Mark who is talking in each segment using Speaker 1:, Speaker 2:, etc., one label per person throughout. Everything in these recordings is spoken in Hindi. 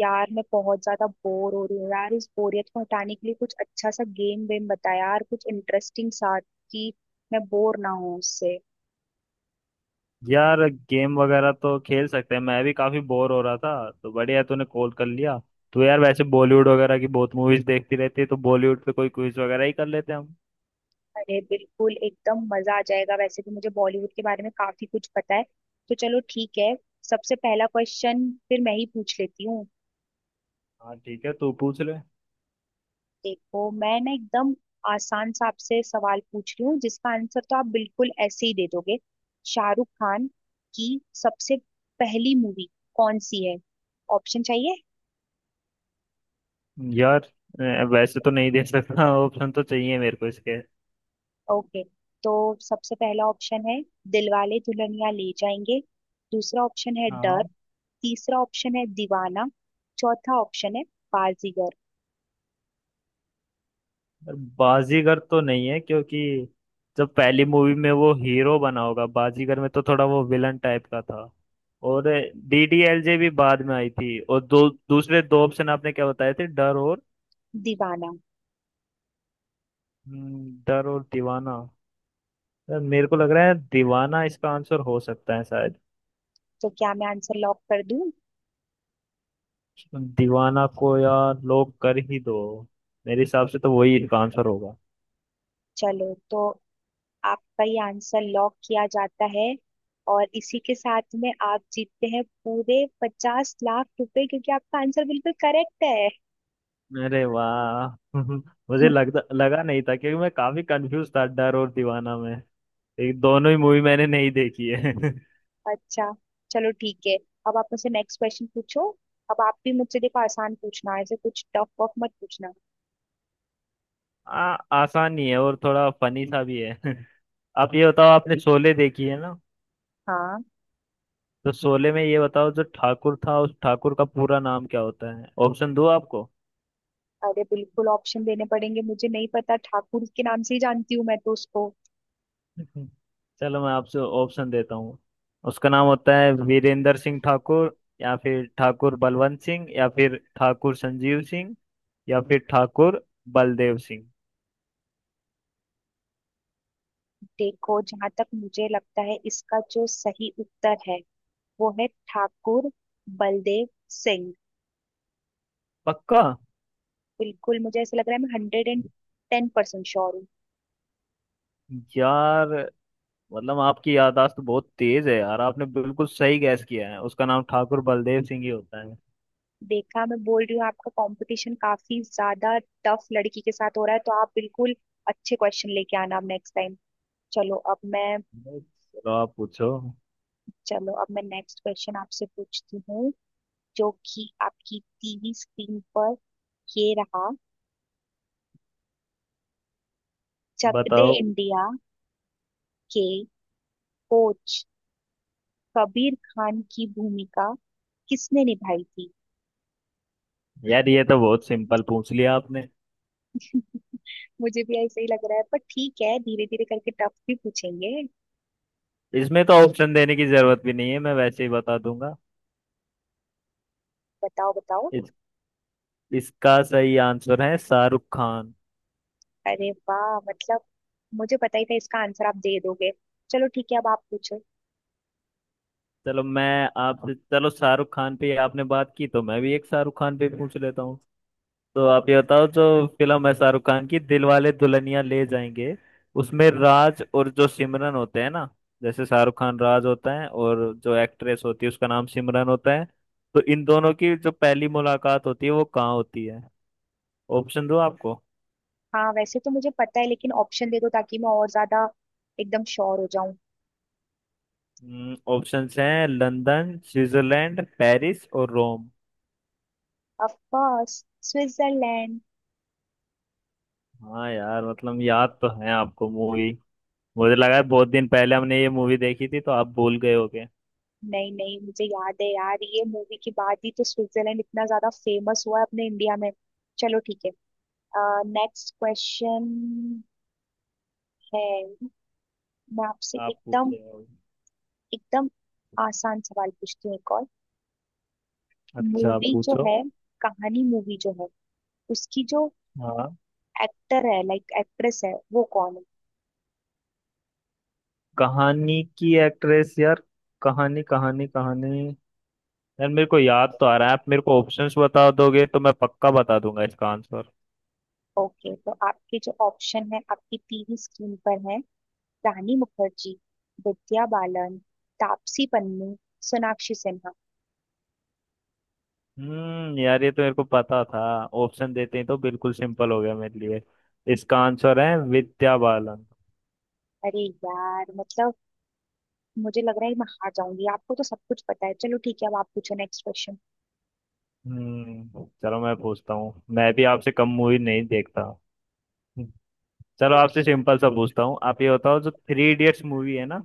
Speaker 1: यार, मैं बहुत ज्यादा बोर हो रही हूँ। यार, इस बोरियत को हटाने के लिए कुछ अच्छा सा गेम वेम बता यार, कुछ इंटरेस्टिंग सा कि मैं बोर ना हूँ उससे।
Speaker 2: यार गेम वगैरह तो खेल सकते हैं। मैं भी काफी बोर हो रहा था तो बढ़िया तूने कॉल कर लिया। तो यार वैसे बॉलीवुड वगैरह की बहुत मूवीज देखती रहती है तो बॉलीवुड पे कोई क्विज वगैरह ही कर लेते हैं हम।
Speaker 1: अरे बिल्कुल, एकदम मजा आ जाएगा। वैसे भी मुझे बॉलीवुड के बारे में काफी कुछ पता है। तो चलो ठीक है। सबसे पहला क्वेश्चन फिर मैं ही पूछ लेती हूँ।
Speaker 2: हाँ ठीक है, तू पूछ ले।
Speaker 1: देखो, मैं ना एकदम आसान सा आपसे सवाल पूछ रही हूँ जिसका आंसर तो आप बिल्कुल ऐसे ही दे दोगे। शाहरुख खान की सबसे पहली मूवी कौन सी है? ऑप्शन चाहिए?
Speaker 2: यार वैसे तो नहीं दे सकता ऑप्शन तो चाहिए मेरे को इसके।
Speaker 1: ओके, तो सबसे पहला ऑप्शन है दिलवाले दुल्हनिया ले जाएंगे। दूसरा ऑप्शन है डर।
Speaker 2: हाँ।
Speaker 1: तीसरा ऑप्शन है दीवाना। चौथा ऑप्शन है बाजीगर।
Speaker 2: यार, बाजीगर तो नहीं है क्योंकि जब पहली मूवी में वो हीरो बना होगा बाजीगर में तो थोड़ा वो विलन टाइप का था। और डीडीएलजे भी बाद में आई थी। और दो दूसरे दो ऑप्शन आपने क्या बताए थे? डर और।
Speaker 1: दीवाना।
Speaker 2: डर और दीवाना। यार मेरे को लग रहा है दीवाना इसका आंसर हो सकता है शायद।
Speaker 1: तो क्या मैं आंसर लॉक कर दूं?
Speaker 2: दीवाना को यार लोग कर ही दो। मेरे हिसाब से तो वही इसका आंसर होगा।
Speaker 1: चलो, तो आपका ये आंसर लॉक किया जाता है, और इसी के साथ में आप जीतते हैं पूरे 50 लाख रुपए क्योंकि आपका आंसर बिल्कुल करेक्ट है।
Speaker 2: अरे वाह। मुझे लगता लगा नहीं था क्योंकि मैं काफी कंफ्यूज था डर और दीवाना में। एक दोनों ही मूवी मैंने नहीं देखी है
Speaker 1: अच्छा। चलो ठीक है। अब आप मुझसे नेक्स्ट क्वेश्चन पूछो। अब आप भी मुझसे देखो आसान पूछना, ऐसे कुछ टफ वफ मत पूछना।
Speaker 2: आ, आसान ही है और थोड़ा फनी सा भी है आप ये बताओ आपने शोले देखी है ना।
Speaker 1: हाँ।
Speaker 2: तो शोले में ये बताओ जो ठाकुर था उस ठाकुर का पूरा नाम क्या होता है? ऑप्शन दो आपको।
Speaker 1: अरे बिल्कुल, ऑप्शन देने पड़ेंगे, मुझे नहीं पता, ठाकुर के नाम से ही जानती हूँ मैं तो उसको।
Speaker 2: हम्म। चलो मैं आपसे ऑप्शन देता हूँ। उसका नाम होता है वीरेंद्र सिंह ठाकुर या फिर ठाकुर बलवंत सिंह या फिर ठाकुर संजीव सिंह या फिर ठाकुर बलदेव सिंह।
Speaker 1: देखो, जहां तक मुझे लगता है इसका जो सही उत्तर है वो है ठाकुर बलदेव सिंह।
Speaker 2: पक्का?
Speaker 1: बिल्कुल मुझे ऐसा लग रहा है, मैं hundred and ten percent sure हूँ।
Speaker 2: यार मतलब आपकी याददाश्त तो बहुत तेज है यार। आपने बिल्कुल सही गैस किया है। उसका नाम ठाकुर बलदेव सिंह ही होता है।
Speaker 1: देखा, मैं बोल रही हूँ आपका कंपटीशन काफी ज्यादा टफ लड़की के साथ हो रहा है, तो आप बिल्कुल अच्छे क्वेश्चन लेके आना अब नेक्स्ट टाइम। चलो अब मैं
Speaker 2: चलो आप पूछो।
Speaker 1: चलो अब मैं नेक्स्ट क्वेश्चन आपसे पूछती हूँ, जो कि आपकी टीवी स्क्रीन पर ये रहा। चक दे
Speaker 2: बताओ।
Speaker 1: इंडिया के कोच कबीर खान की भूमिका किसने निभाई थी?
Speaker 2: यार ये तो बहुत सिंपल पूछ लिया आपने।
Speaker 1: मुझे भी ऐसा ही लग रहा है, पर ठीक है, धीरे धीरे करके टफ भी पूछेंगे।
Speaker 2: इसमें तो ऑप्शन देने की जरूरत भी नहीं है, मैं वैसे ही बता दूंगा।
Speaker 1: बताओ बताओ।
Speaker 2: इसका सही आंसर है शाहरुख खान।
Speaker 1: अरे वाह, मतलब मुझे पता ही था इसका आंसर आप दे दोगे। चलो ठीक है, अब आप पूछो।
Speaker 2: चलो मैं आपसे, चलो शाहरुख खान पे आपने बात की तो मैं भी एक शाहरुख खान पे पूछ लेता हूँ। तो
Speaker 1: अब
Speaker 2: आप ये बताओ जो फिल्म है शाहरुख खान की, दिलवाले दुल्हनिया ले जाएंगे, उसमें राज और जो सिमरन होते हैं ना। जैसे शाहरुख खान राज होता है और जो एक्ट्रेस होती है उसका नाम सिमरन होता है। तो इन दोनों की जो पहली मुलाकात होती है वो कहाँ होती है? ऑप्शन दो आपको।
Speaker 1: हाँ, वैसे तो मुझे पता है लेकिन ऑप्शन दे दो ताकि मैं और ज्यादा एकदम श्योर हो जाऊं।
Speaker 2: ऑप्शंस हैं लंदन, स्विट्जरलैंड, पेरिस और रोम।
Speaker 1: Of course, Switzerland.
Speaker 2: हाँ यार, मतलब याद तो है आपको मूवी। मुझे लगा है बहुत दिन पहले हमने ये मूवी देखी थी तो आप भूल गए होगे।
Speaker 1: नहीं नहीं, मुझे याद है यार, ये मूवी के बाद ही तो स्विट्जरलैंड इतना ज्यादा फेमस हुआ है अपने इंडिया में। चलो ठीक है। नेक्स्ट क्वेश्चन है। मैं आपसे
Speaker 2: आप
Speaker 1: एकदम
Speaker 2: पूछे हो।
Speaker 1: एकदम आसान सवाल पूछती हूँ एक और।
Speaker 2: अच्छा आप
Speaker 1: मूवी जो
Speaker 2: पूछो।
Speaker 1: है कहानी मूवी जो है उसकी जो
Speaker 2: हाँ।
Speaker 1: एक्टर है लाइक एक्ट्रेस है वो कौन है?
Speaker 2: कहानी की एक्ट्रेस यार, कहानी कहानी कहानी। यार मेरे को याद तो आ रहा है, आप मेरे को ऑप्शंस बता दोगे तो मैं पक्का बता दूंगा इसका आंसर।
Speaker 1: ओके, तो आपके जो ऑप्शन है आपकी टीवी स्क्रीन पर है। रानी मुखर्जी, विद्या बालन, तापसी पन्नू, सोनाक्षी सिन्हा।
Speaker 2: यार ये तो मेरे को पता था। ऑप्शन देते ही तो बिल्कुल सिंपल हो गया मेरे लिए। इसका आंसर है विद्या बालन।
Speaker 1: अरे यार, मतलब मुझे लग रहा है मैं हार जाऊंगी, आपको तो सब कुछ पता है। चलो ठीक है, अब आप पूछो नेक्स्ट क्वेश्चन।
Speaker 2: चलो मैं पूछता हूँ, मैं भी आपसे कम मूवी नहीं देखता। चलो आपसे सिंपल सा पूछता हूँ, आप ये बताओ जो थ्री इडियट्स मूवी है ना,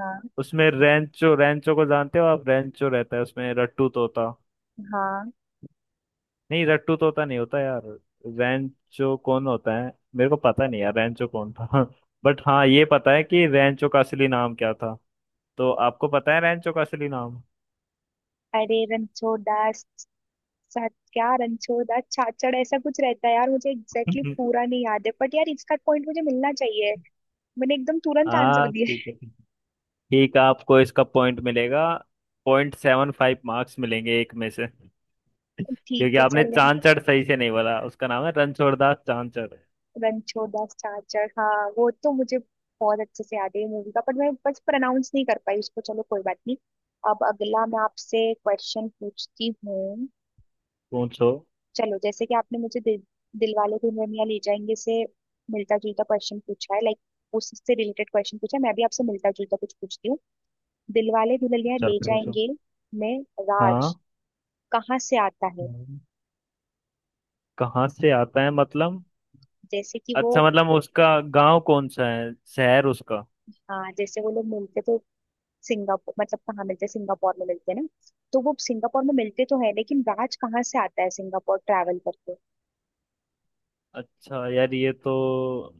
Speaker 1: हाँ।
Speaker 2: उसमें रेंचो, रेंचो को जानते हो आप, रेंचो रहता है उसमें रट्टू तोता।
Speaker 1: हाँ।
Speaker 2: नहीं रट्टू तोता नहीं होता यार। रेंचो कौन होता है मेरे को पता नहीं यार, रेंचो कौन था बट हाँ ये पता है कि रेंचो का असली नाम क्या था। तो आपको पता है रेंचो का असली नाम?
Speaker 1: अरे सा- क्या रणछोड़ा छाछड़ ऐसा कुछ रहता है? यार, मुझे एग्जैक्टली पूरा नहीं याद है, बट यार इसका पॉइंट मुझे मिलना चाहिए। मैंने एकदम तुरंत आंसर
Speaker 2: हाँ
Speaker 1: दिया।
Speaker 2: ठीक है ठीक है। ठीक है, आपको इसका पॉइंट मिलेगा। पॉइंट सेवन फाइव मार्क्स मिलेंगे एक में से।
Speaker 1: ठीक
Speaker 2: क्योंकि
Speaker 1: है
Speaker 2: आपने
Speaker 1: चले।
Speaker 2: चांचड़ सही से नहीं बोला। उसका नाम है रणछोड़दास चांचड़।
Speaker 1: रणछोड़ा छाछड़, हाँ वो तो मुझे बहुत अच्छे से याद है मूवी का, पर मैं बस प्रोनाउंस नहीं कर पाई उसको। चलो कोई बात नहीं। अब अगला मैं आपसे क्वेश्चन पूछती हूँ।
Speaker 2: पूछो।
Speaker 1: चलो, जैसे कि आपने मुझे दिलवाले दुल्हनिया ले जाएंगे से मिलता जुलता क्वेश्चन पूछा है, लाइक उससे रिलेटेड क्वेश्चन पूछा है, मैं भी आपसे मिलता जुलता कुछ पूछती हूँ। दिलवाले दुल्हनिया
Speaker 2: चल
Speaker 1: ले
Speaker 2: पूछो।
Speaker 1: जाएंगे में
Speaker 2: हाँ।
Speaker 1: राज कहाँ से आता है?
Speaker 2: कहाँ से आता है मतलब?
Speaker 1: जैसे कि वो,
Speaker 2: अच्छा मतलब उसका गांव कौन सा है, शहर उसका?
Speaker 1: हाँ जैसे वो लोग मिलते तो सिंगापुर मतलब कहाँ मिलते हैं? सिंगापुर में मिलते हैं ना? तो वो सिंगापुर में मिलते तो है लेकिन राज कहाँ से आता है सिंगापुर ट्रैवल करके।
Speaker 2: अच्छा यार ये तो,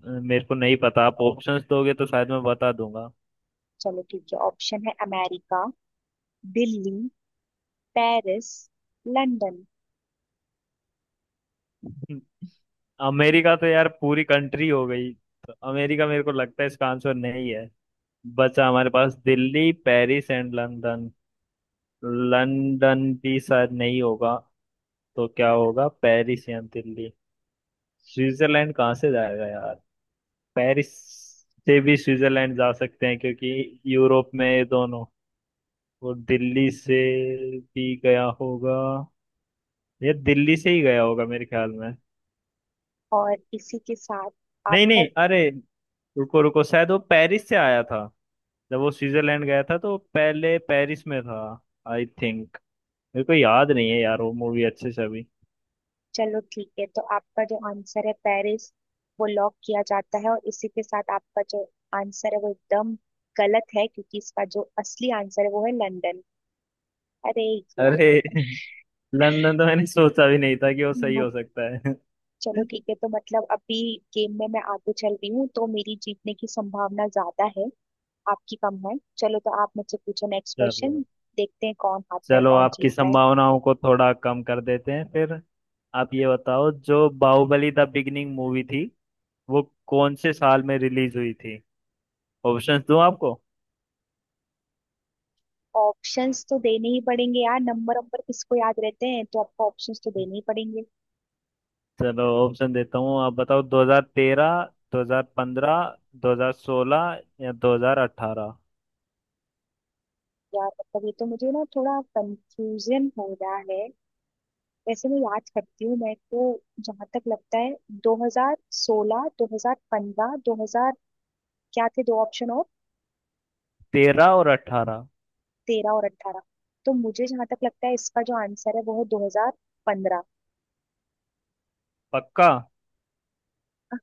Speaker 2: मेरे को नहीं पता। आप ऑप्शंस दोगे तो शायद मैं बता दूंगा।
Speaker 1: चलो ठीक है, ऑप्शन है America, Delhi, Paris, London.
Speaker 2: America तो यार पूरी कंट्री हो गई, तो अमेरिका मेरे को लगता है इसका आंसर नहीं है। बचा हमारे पास Delhi, Paris and London. London भी शायद नहीं होगा। तो क्या होगा, पेरिस या दिल्ली? स्विट्जरलैंड कहाँ से जाएगा यार? पेरिस से भी स्विट्जरलैंड जा सकते हैं क्योंकि यूरोप में ये दोनों। वो दिल्ली से भी गया होगा। ये दिल्ली से ही गया होगा मेरे ख्याल में।
Speaker 1: और इसी के साथ
Speaker 2: नहीं
Speaker 1: आपका।
Speaker 2: नहीं, अरे रुको रुको, शायद वो पेरिस से आया था। जब वो स्विट्जरलैंड गया था तो वो पहले पेरिस में था, आई थिंक। मेरे को याद नहीं है यार वो मूवी अच्छे से अभी।
Speaker 1: चलो ठीक है, तो आपका जो आंसर है पेरिस वो लॉक किया जाता है, और इसी के साथ आपका जो आंसर है वो एकदम गलत है क्योंकि इसका जो असली आंसर है वो है लंदन। अरे
Speaker 2: अरे
Speaker 1: यार।
Speaker 2: लंदन तो मैंने सोचा भी नहीं था कि वो सही
Speaker 1: हम्म,
Speaker 2: हो सकता है।
Speaker 1: चलो ठीक है, तो मतलब अभी गेम में मैं आगे चल रही हूँ तो मेरी जीतने की संभावना ज्यादा है, आपकी कम है। चलो, तो आप मुझसे पूछो नेक्स्ट क्वेश्चन।
Speaker 2: चलो।
Speaker 1: देखते हैं कौन हारता है
Speaker 2: चलो
Speaker 1: कौन
Speaker 2: आपकी
Speaker 1: जीतता है।
Speaker 2: संभावनाओं को थोड़ा कम कर देते हैं फिर। आप ये बताओ जो बाहुबली द बिगिनिंग मूवी थी वो कौन से साल में रिलीज हुई थी? ऑप्शंस दूं आपको?
Speaker 1: ऑप्शंस तो देने ही पड़ेंगे यार, नंबर नंबर किसको याद रहते हैं, तो आपको ऑप्शंस तो देने ही पड़ेंगे।
Speaker 2: चलो ऑप्शन देता हूँ, आप बताओ 2013, 2015, 2016 या 2018।
Speaker 1: यार मतलब ये तो मुझे ना थोड़ा कंफ्यूजन हो रहा है। वैसे मैं याद करती हूँ, मैं तो जहां तक लगता है, 2016, 2015, 2000, क्या थे दो ऑप्शन और?
Speaker 2: तेरह और अठारह।
Speaker 1: 13 और 18। तो मुझे जहां तक लगता है इसका जो आंसर है वो है 2015।
Speaker 2: पक्का?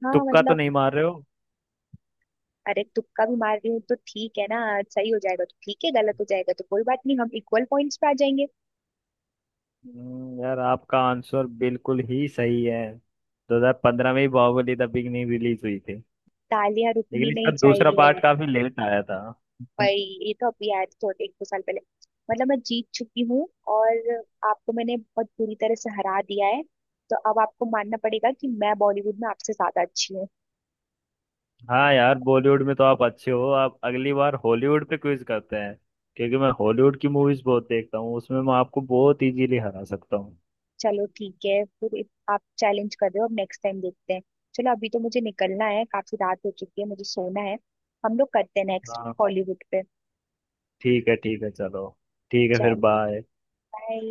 Speaker 1: हाँ
Speaker 2: तुक्का तो
Speaker 1: मतलब।
Speaker 2: नहीं मार रहे हो?
Speaker 1: अरे, तुक्का भी मार रही हूँ तो ठीक है ना, सही हो जाएगा तो ठीक है, गलत हो जाएगा तो कोई बात नहीं, हम इक्वल पॉइंट्स पे आ जाएंगे।
Speaker 2: यार आपका आंसर बिल्कुल ही सही है। 2015 में ही बाहुबली द बिगनिंग रिलीज हुई थी।
Speaker 1: तालियां रुकनी
Speaker 2: लेकिन इसका
Speaker 1: नहीं
Speaker 2: दूसरा
Speaker 1: चाहिए।
Speaker 2: पार्ट काफी लेट आया था।
Speaker 1: भाई, ये तो अभी आया था थोड़े 1 2 साल पहले। मतलब मैं जीत चुकी हूँ और आपको मैंने बहुत बुरी तरह से हरा दिया है, तो अब आपको मानना पड़ेगा कि मैं बॉलीवुड में आपसे ज्यादा अच्छी हूँ।
Speaker 2: हाँ यार बॉलीवुड में तो आप अच्छे हो, आप अगली बार हॉलीवुड पे क्विज करते हैं, क्योंकि मैं हॉलीवुड की मूवीज बहुत देखता हूँ, उसमें मैं आपको बहुत इजीली हरा सकता हूँ।
Speaker 1: चलो ठीक है फिर, आप चैलेंज कर रहे हो, अब नेक्स्ट टाइम देखते हैं। चलो अभी तो मुझे निकलना है, काफी रात हो चुकी है, मुझे सोना है, हम लोग करते हैं नेक्स्ट
Speaker 2: हाँ
Speaker 1: हॉलीवुड पे।
Speaker 2: ठीक है ठीक है। चलो ठीक है फिर,
Speaker 1: चल,
Speaker 2: बाय।
Speaker 1: बाय।